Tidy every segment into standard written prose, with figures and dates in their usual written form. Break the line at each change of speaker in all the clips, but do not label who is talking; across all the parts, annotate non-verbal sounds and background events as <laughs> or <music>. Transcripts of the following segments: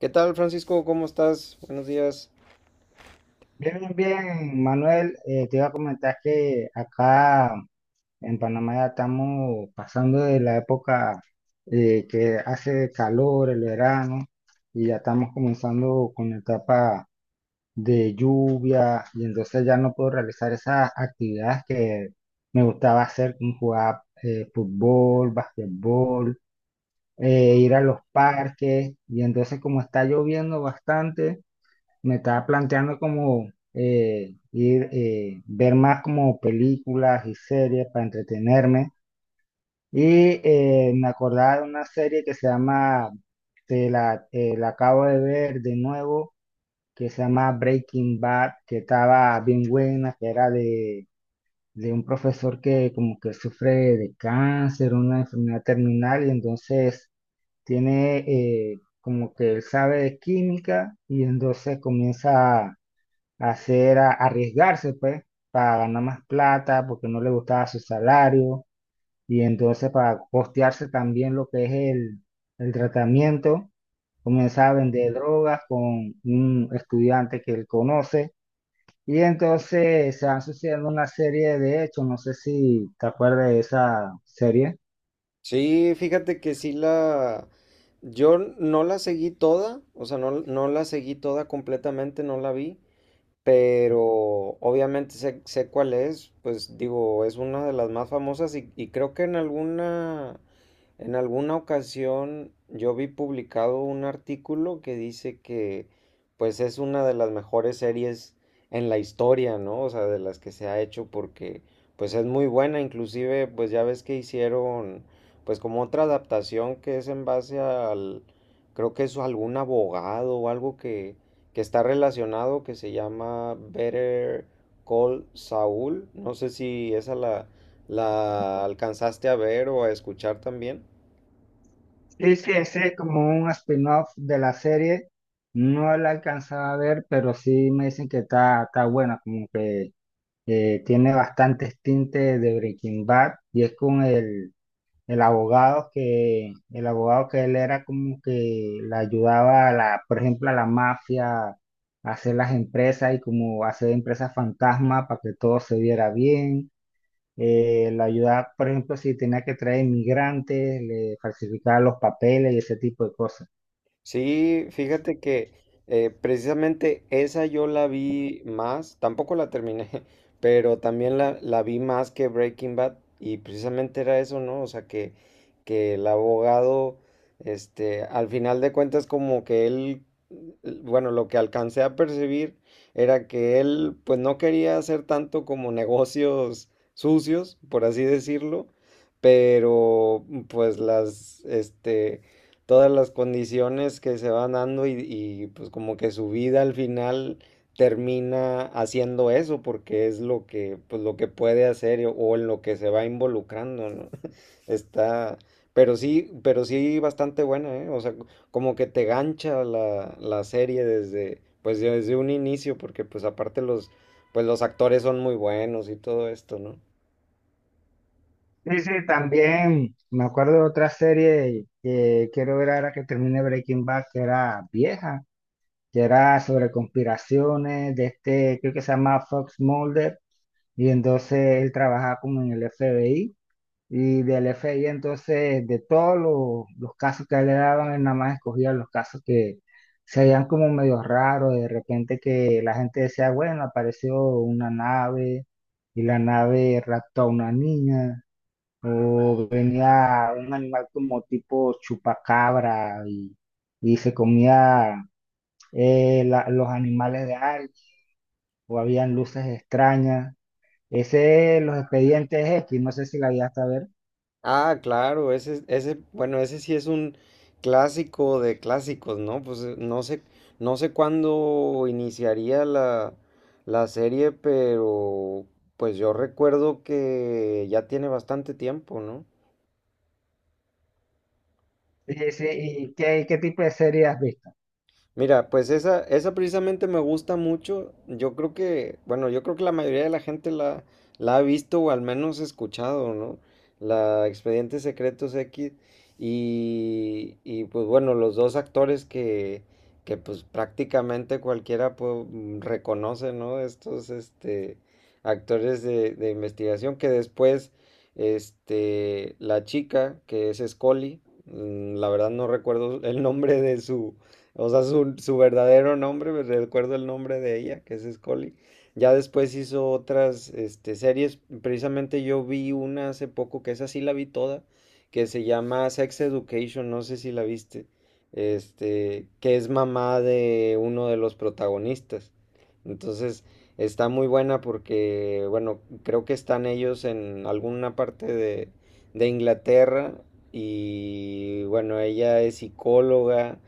¿Qué tal, Francisco? ¿Cómo estás? Buenos días.
Bien, bien, bien, Manuel, te iba a comentar que acá en Panamá ya estamos pasando de la época que hace calor, el verano, y ya estamos comenzando con la etapa de lluvia, y entonces ya no puedo realizar esas actividades que me gustaba hacer, como jugar fútbol, basquetbol, ir a los parques, y entonces como está lloviendo bastante me estaba planteando como ver más como películas y series para entretenerme. Y Me acordaba de una serie que se llama, la acabo de ver de nuevo, que se llama Breaking Bad, que estaba bien buena, que era de un profesor que como que sufre de cáncer, una enfermedad terminal, y entonces tiene como que él sabe de química y entonces comienza hacer, arriesgarse, pues, para ganar más plata, porque no le gustaba su salario, y entonces para costearse también lo que es el tratamiento, comenzaba a vender drogas con un estudiante que él conoce, y entonces se van sucediendo una serie de hechos, no sé si te acuerdas de esa serie.
Sí, fíjate que sí la... Yo no la seguí toda, o sea, no la seguí toda completamente, no la vi, pero obviamente sé cuál es, pues digo, es una de las más famosas y creo que en alguna ocasión yo vi publicado un artículo que dice que pues es una de las mejores series en la historia, ¿no? O sea, de las que se ha hecho porque pues es muy buena, inclusive pues ya ves que hicieron pues como otra adaptación que es en base al, creo que es algún abogado o algo que está relacionado, que se llama Better Call Saul. No sé si esa la alcanzaste a ver o a escuchar también.
Sí, sí, ese es como un spin-off de la serie. No la alcanzaba a ver, pero sí me dicen que está, está buena, como que tiene bastantes tintes de Breaking Bad y es con el abogado que él era como que le ayudaba a la, por ejemplo, a la mafia a hacer las empresas y como hacer empresas fantasma para que todo se viera bien. Le ayudaba, por ejemplo, si tenía que traer inmigrantes, le falsificaba los papeles y ese tipo de cosas.
Sí, fíjate que precisamente esa yo la vi más, tampoco la terminé, <laughs> pero también la vi más que Breaking Bad y precisamente era eso, ¿no? O sea, que el abogado, este, al final de cuentas como que él, l- bueno, lo que alcancé a percibir era que él pues no quería hacer tanto como negocios sucios, por así decirlo, pero pues las, este todas las condiciones que se van dando pues como que su vida al final termina haciendo eso porque es lo que pues lo que puede hacer o en lo que se va involucrando, ¿no? <laughs> Está, pero sí bastante buena, ¿eh? O sea, como que te gancha la, la serie desde pues desde un inicio porque pues aparte los pues los actores son muy buenos y todo esto, ¿no?
Sí, sí, también me acuerdo de otra serie que quiero ver ahora que termine Breaking Bad, que era vieja, que era sobre conspiraciones de este, creo que se llama Fox Mulder, y entonces él trabajaba como en el FBI, y del FBI entonces de todos los casos que a él le daban, él nada más escogía los casos que se veían como medio raros, de repente que la gente decía, bueno, apareció una nave, y la nave raptó a una niña, o venía un animal como tipo chupacabra, y se comía los animales de Arch, o habían luces extrañas. Ese, los expedientes X, no sé si la llegaste a ver.
Ah, claro, ese, bueno, ese sí es un clásico de clásicos, ¿no? Pues no sé, no sé cuándo iniciaría la, la serie, pero pues yo recuerdo que ya tiene bastante tiempo, ¿no?
Sí, sí, ¿y qué, qué tipo de serie has visto?
Mira, pues esa precisamente me gusta mucho. Yo creo que, bueno, yo creo que la mayoría de la gente la, la ha visto o al menos escuchado, ¿no? La Expedientes Secretos X. Y pues bueno, los dos actores que pues prácticamente cualquiera pues, mm, reconoce, ¿no? Estos este, actores de investigación que después, este, la chica que es Scully, mm, la verdad no recuerdo el nombre de su o sea, su verdadero nombre, me recuerdo el nombre de ella, que es Scully. Ya después hizo otras este, series. Precisamente yo vi una hace poco, que esa sí la vi toda, que se llama Sex Education, no sé si la viste. Este, que es mamá de uno de los protagonistas. Entonces, está muy buena porque, bueno, creo que están ellos en alguna parte de Inglaterra. Y bueno, ella es psicóloga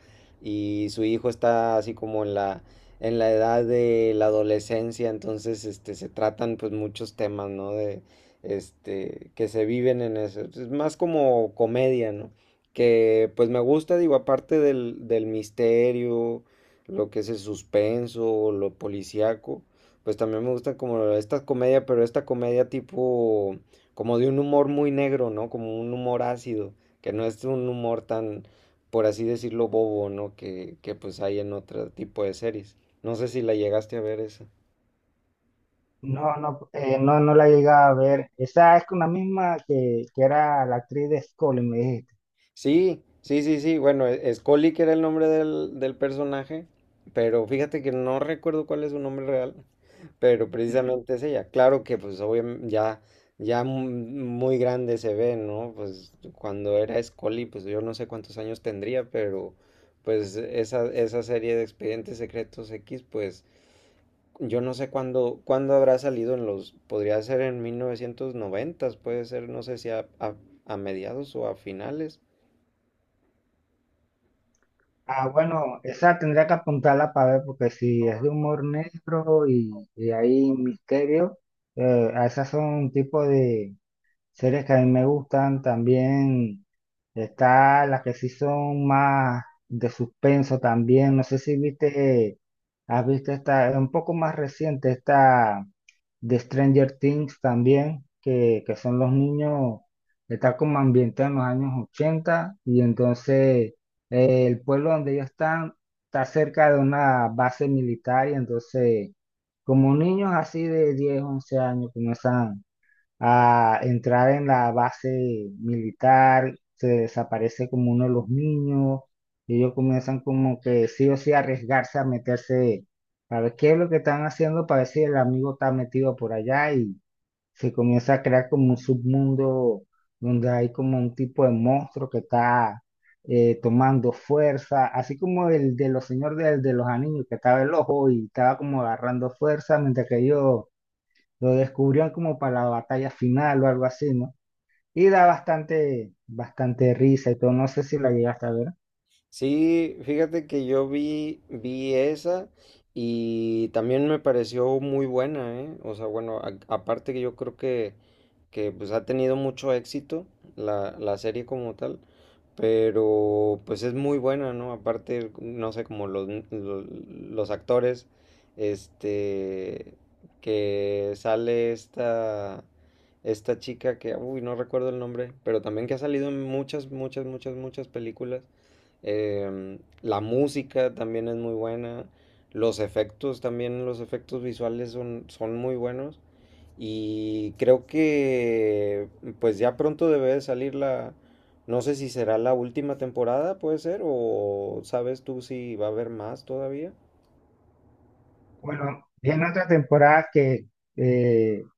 y su hijo está así como en la edad de la adolescencia, entonces este, se tratan pues muchos temas, ¿no? De, este, que se viven en eso. Es más como comedia, ¿no? Que pues me gusta, digo, aparte del, del misterio, lo que es el suspenso, lo policíaco, pues también me gusta como esta comedia, pero esta comedia tipo, como de un humor muy negro, ¿no? Como un humor ácido, que no es un humor tan, por así decirlo, bobo, ¿no? Que pues hay en otro tipo de series. No sé si la llegaste a ver esa.
No, no, no la llegaba a ver. Esa es con la misma que era la actriz de Scully, me dijiste.
Sí, sí, sí, sí. Bueno, e- Scully, que era el nombre del, del personaje, pero fíjate que no recuerdo cuál es su nombre real, pero precisamente es ella. Claro que pues obviamente ya, ya mu- muy grande se ve, ¿no? Pues cuando era Scully, pues yo no sé cuántos años tendría, pero pues esa serie de Expedientes Secretos X, pues yo no sé cuándo, cuándo habrá salido en los, podría ser en 1990, puede ser, no sé si a, a mediados o a finales,
Ah, bueno, esa tendría que apuntarla para ver, porque si es de humor negro y hay misterio, esas son un tipo de series que a mí me gustan también. Está las que sí son más de suspenso también. No sé si viste, has visto esta, es un poco más reciente, esta de Stranger Things también, que son los niños, está como ambientada en los años 80 y entonces el pueblo donde ellos están está cerca de una base militar y entonces como niños así de 10 11 años comienzan a entrar en la base militar, se desaparece como uno de los niños, y ellos comienzan como que sí o sí a arriesgarse a meterse a ver qué es lo que están haciendo para ver si el amigo está metido por allá y se comienza a crear como un submundo donde hay como un tipo de monstruo que está tomando fuerza, así como el de los los anillos, que estaba el ojo y estaba como agarrando fuerza mientras que ellos lo descubrieron como para la batalla final o algo así, ¿no? Y da bastante, bastante risa y todo. No sé si la llegaste a ver.
sí, fíjate que yo vi, vi esa y también me pareció muy buena, ¿eh? O sea, bueno, a- aparte que yo creo que pues ha tenido mucho éxito la, la serie como tal, pero pues es muy buena, ¿no? Aparte, no sé, como los actores, este, que sale esta, esta chica que, uy, no recuerdo el nombre, pero también que ha salido en muchas películas. Em, la música también es muy buena. Los efectos también, los efectos visuales son muy buenos. Y creo que pues ya pronto debe de salir la, no sé si será la última temporada, puede ser, o sabes tú si va a haber más todavía.
Bueno, viene otra temporada que eh,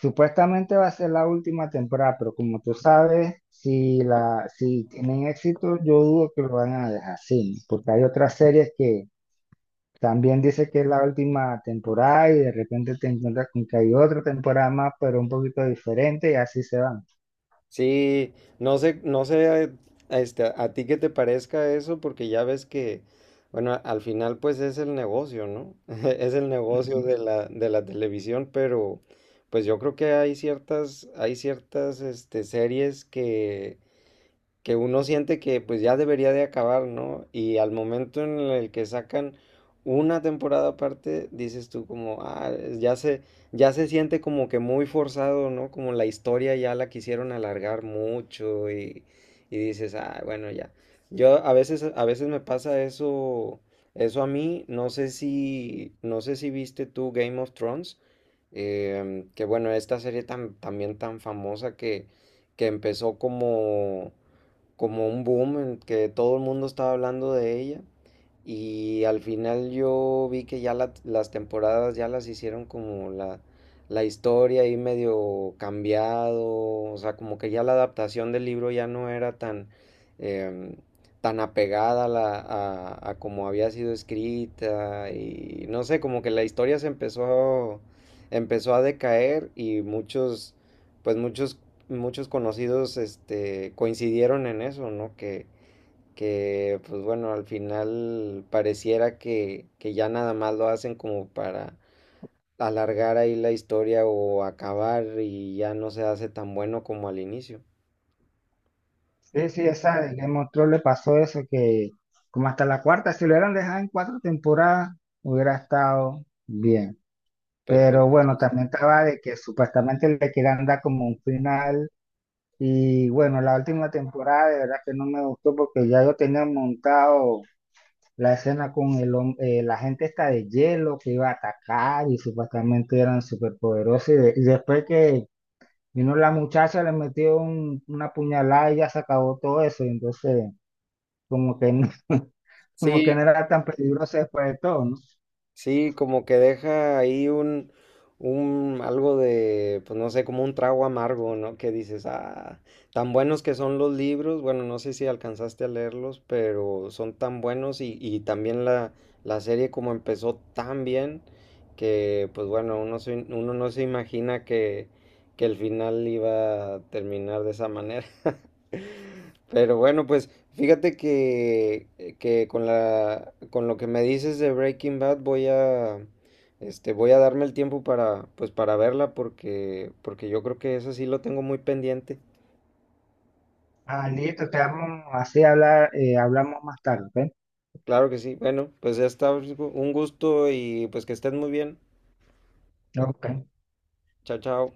supuestamente va a ser la última temporada, pero como tú sabes, si la, si tienen éxito, yo dudo que lo van a dejar así, ¿no? Porque hay otras series que también dice que es la última temporada y de repente te encuentras con que hay otra temporada más, pero un poquito diferente y así se van.
Sí, no sé este, a ti qué te parezca eso, porque ya ves que, bueno, al final pues es el negocio, ¿no? <laughs> Es el negocio
Ujú.
de la televisión, pero pues yo creo que hay ciertas, este, series que uno siente que pues ya debería de acabar, ¿no? Y al momento en el que sacan una temporada aparte, dices tú como, ah, es- ya se siente como que muy forzado, ¿no? Como la historia ya la quisieron alargar mucho y dices, ah, bueno, ya. Yo a veces me pasa eso, eso a mí, no sé si viste tú Game of Thrones, que bueno, esta serie tan, también tan famosa que empezó como un boom en que todo el mundo estaba hablando de ella. Y al final yo vi que ya la- las temporadas ya las hicieron como la historia ahí medio cambiado, o sea, como que ya la adaptación del libro ya no era tan, em, tan apegada a, la- a como había sido escrita y no sé, como que la historia se empezó, empezó a decaer y muchos, pues muchos muchos conocidos este, coincidieron en eso, ¿no? Que, pues bueno, al final pareciera que ya nada más lo hacen como para alargar ahí la historia o acabar y ya no se hace tan bueno como al inicio.
Sí, sí, esa de Game of Thrones le pasó eso, que como hasta la cuarta, si lo hubieran dejado en cuatro temporadas, hubiera estado bien. Pero
Perfecto.
bueno, también estaba de que supuestamente le querían dar como un final. Y bueno, la última temporada de verdad que no me gustó porque ya yo tenía montado la escena con el, la gente esta de hielo que iba a atacar y supuestamente eran superpoderosos. Y después que vino la muchacha, le metió una puñalada y ya se acabó todo eso. Entonces como que no, <laughs> como que no
Sí,
era tan peligroso después de todo, ¿no?
sí, como que deja ahí un algo de, pues no sé, como un trago amargo, ¿no? Que dices, ah, tan buenos que son los libros, bueno, no sé si alcanzaste a leerlos, pero son tan buenos y también la serie como empezó tan bien que, pues bueno, uno, se- uno no se imagina que el final iba a terminar de esa manera. <laughs> Pero bueno, pues fíjate que con la, con lo que me dices de Breaking Bad voy a, este, voy a darme el tiempo para, pues para verla porque, porque yo creo que eso sí lo tengo muy pendiente.
Ah, listo, quedamos así, hablar, hablamos más tarde,
Claro que sí. Bueno, pues ya está, un gusto y pues que estén muy bien.
¿ok? Ok.
Chao, chao.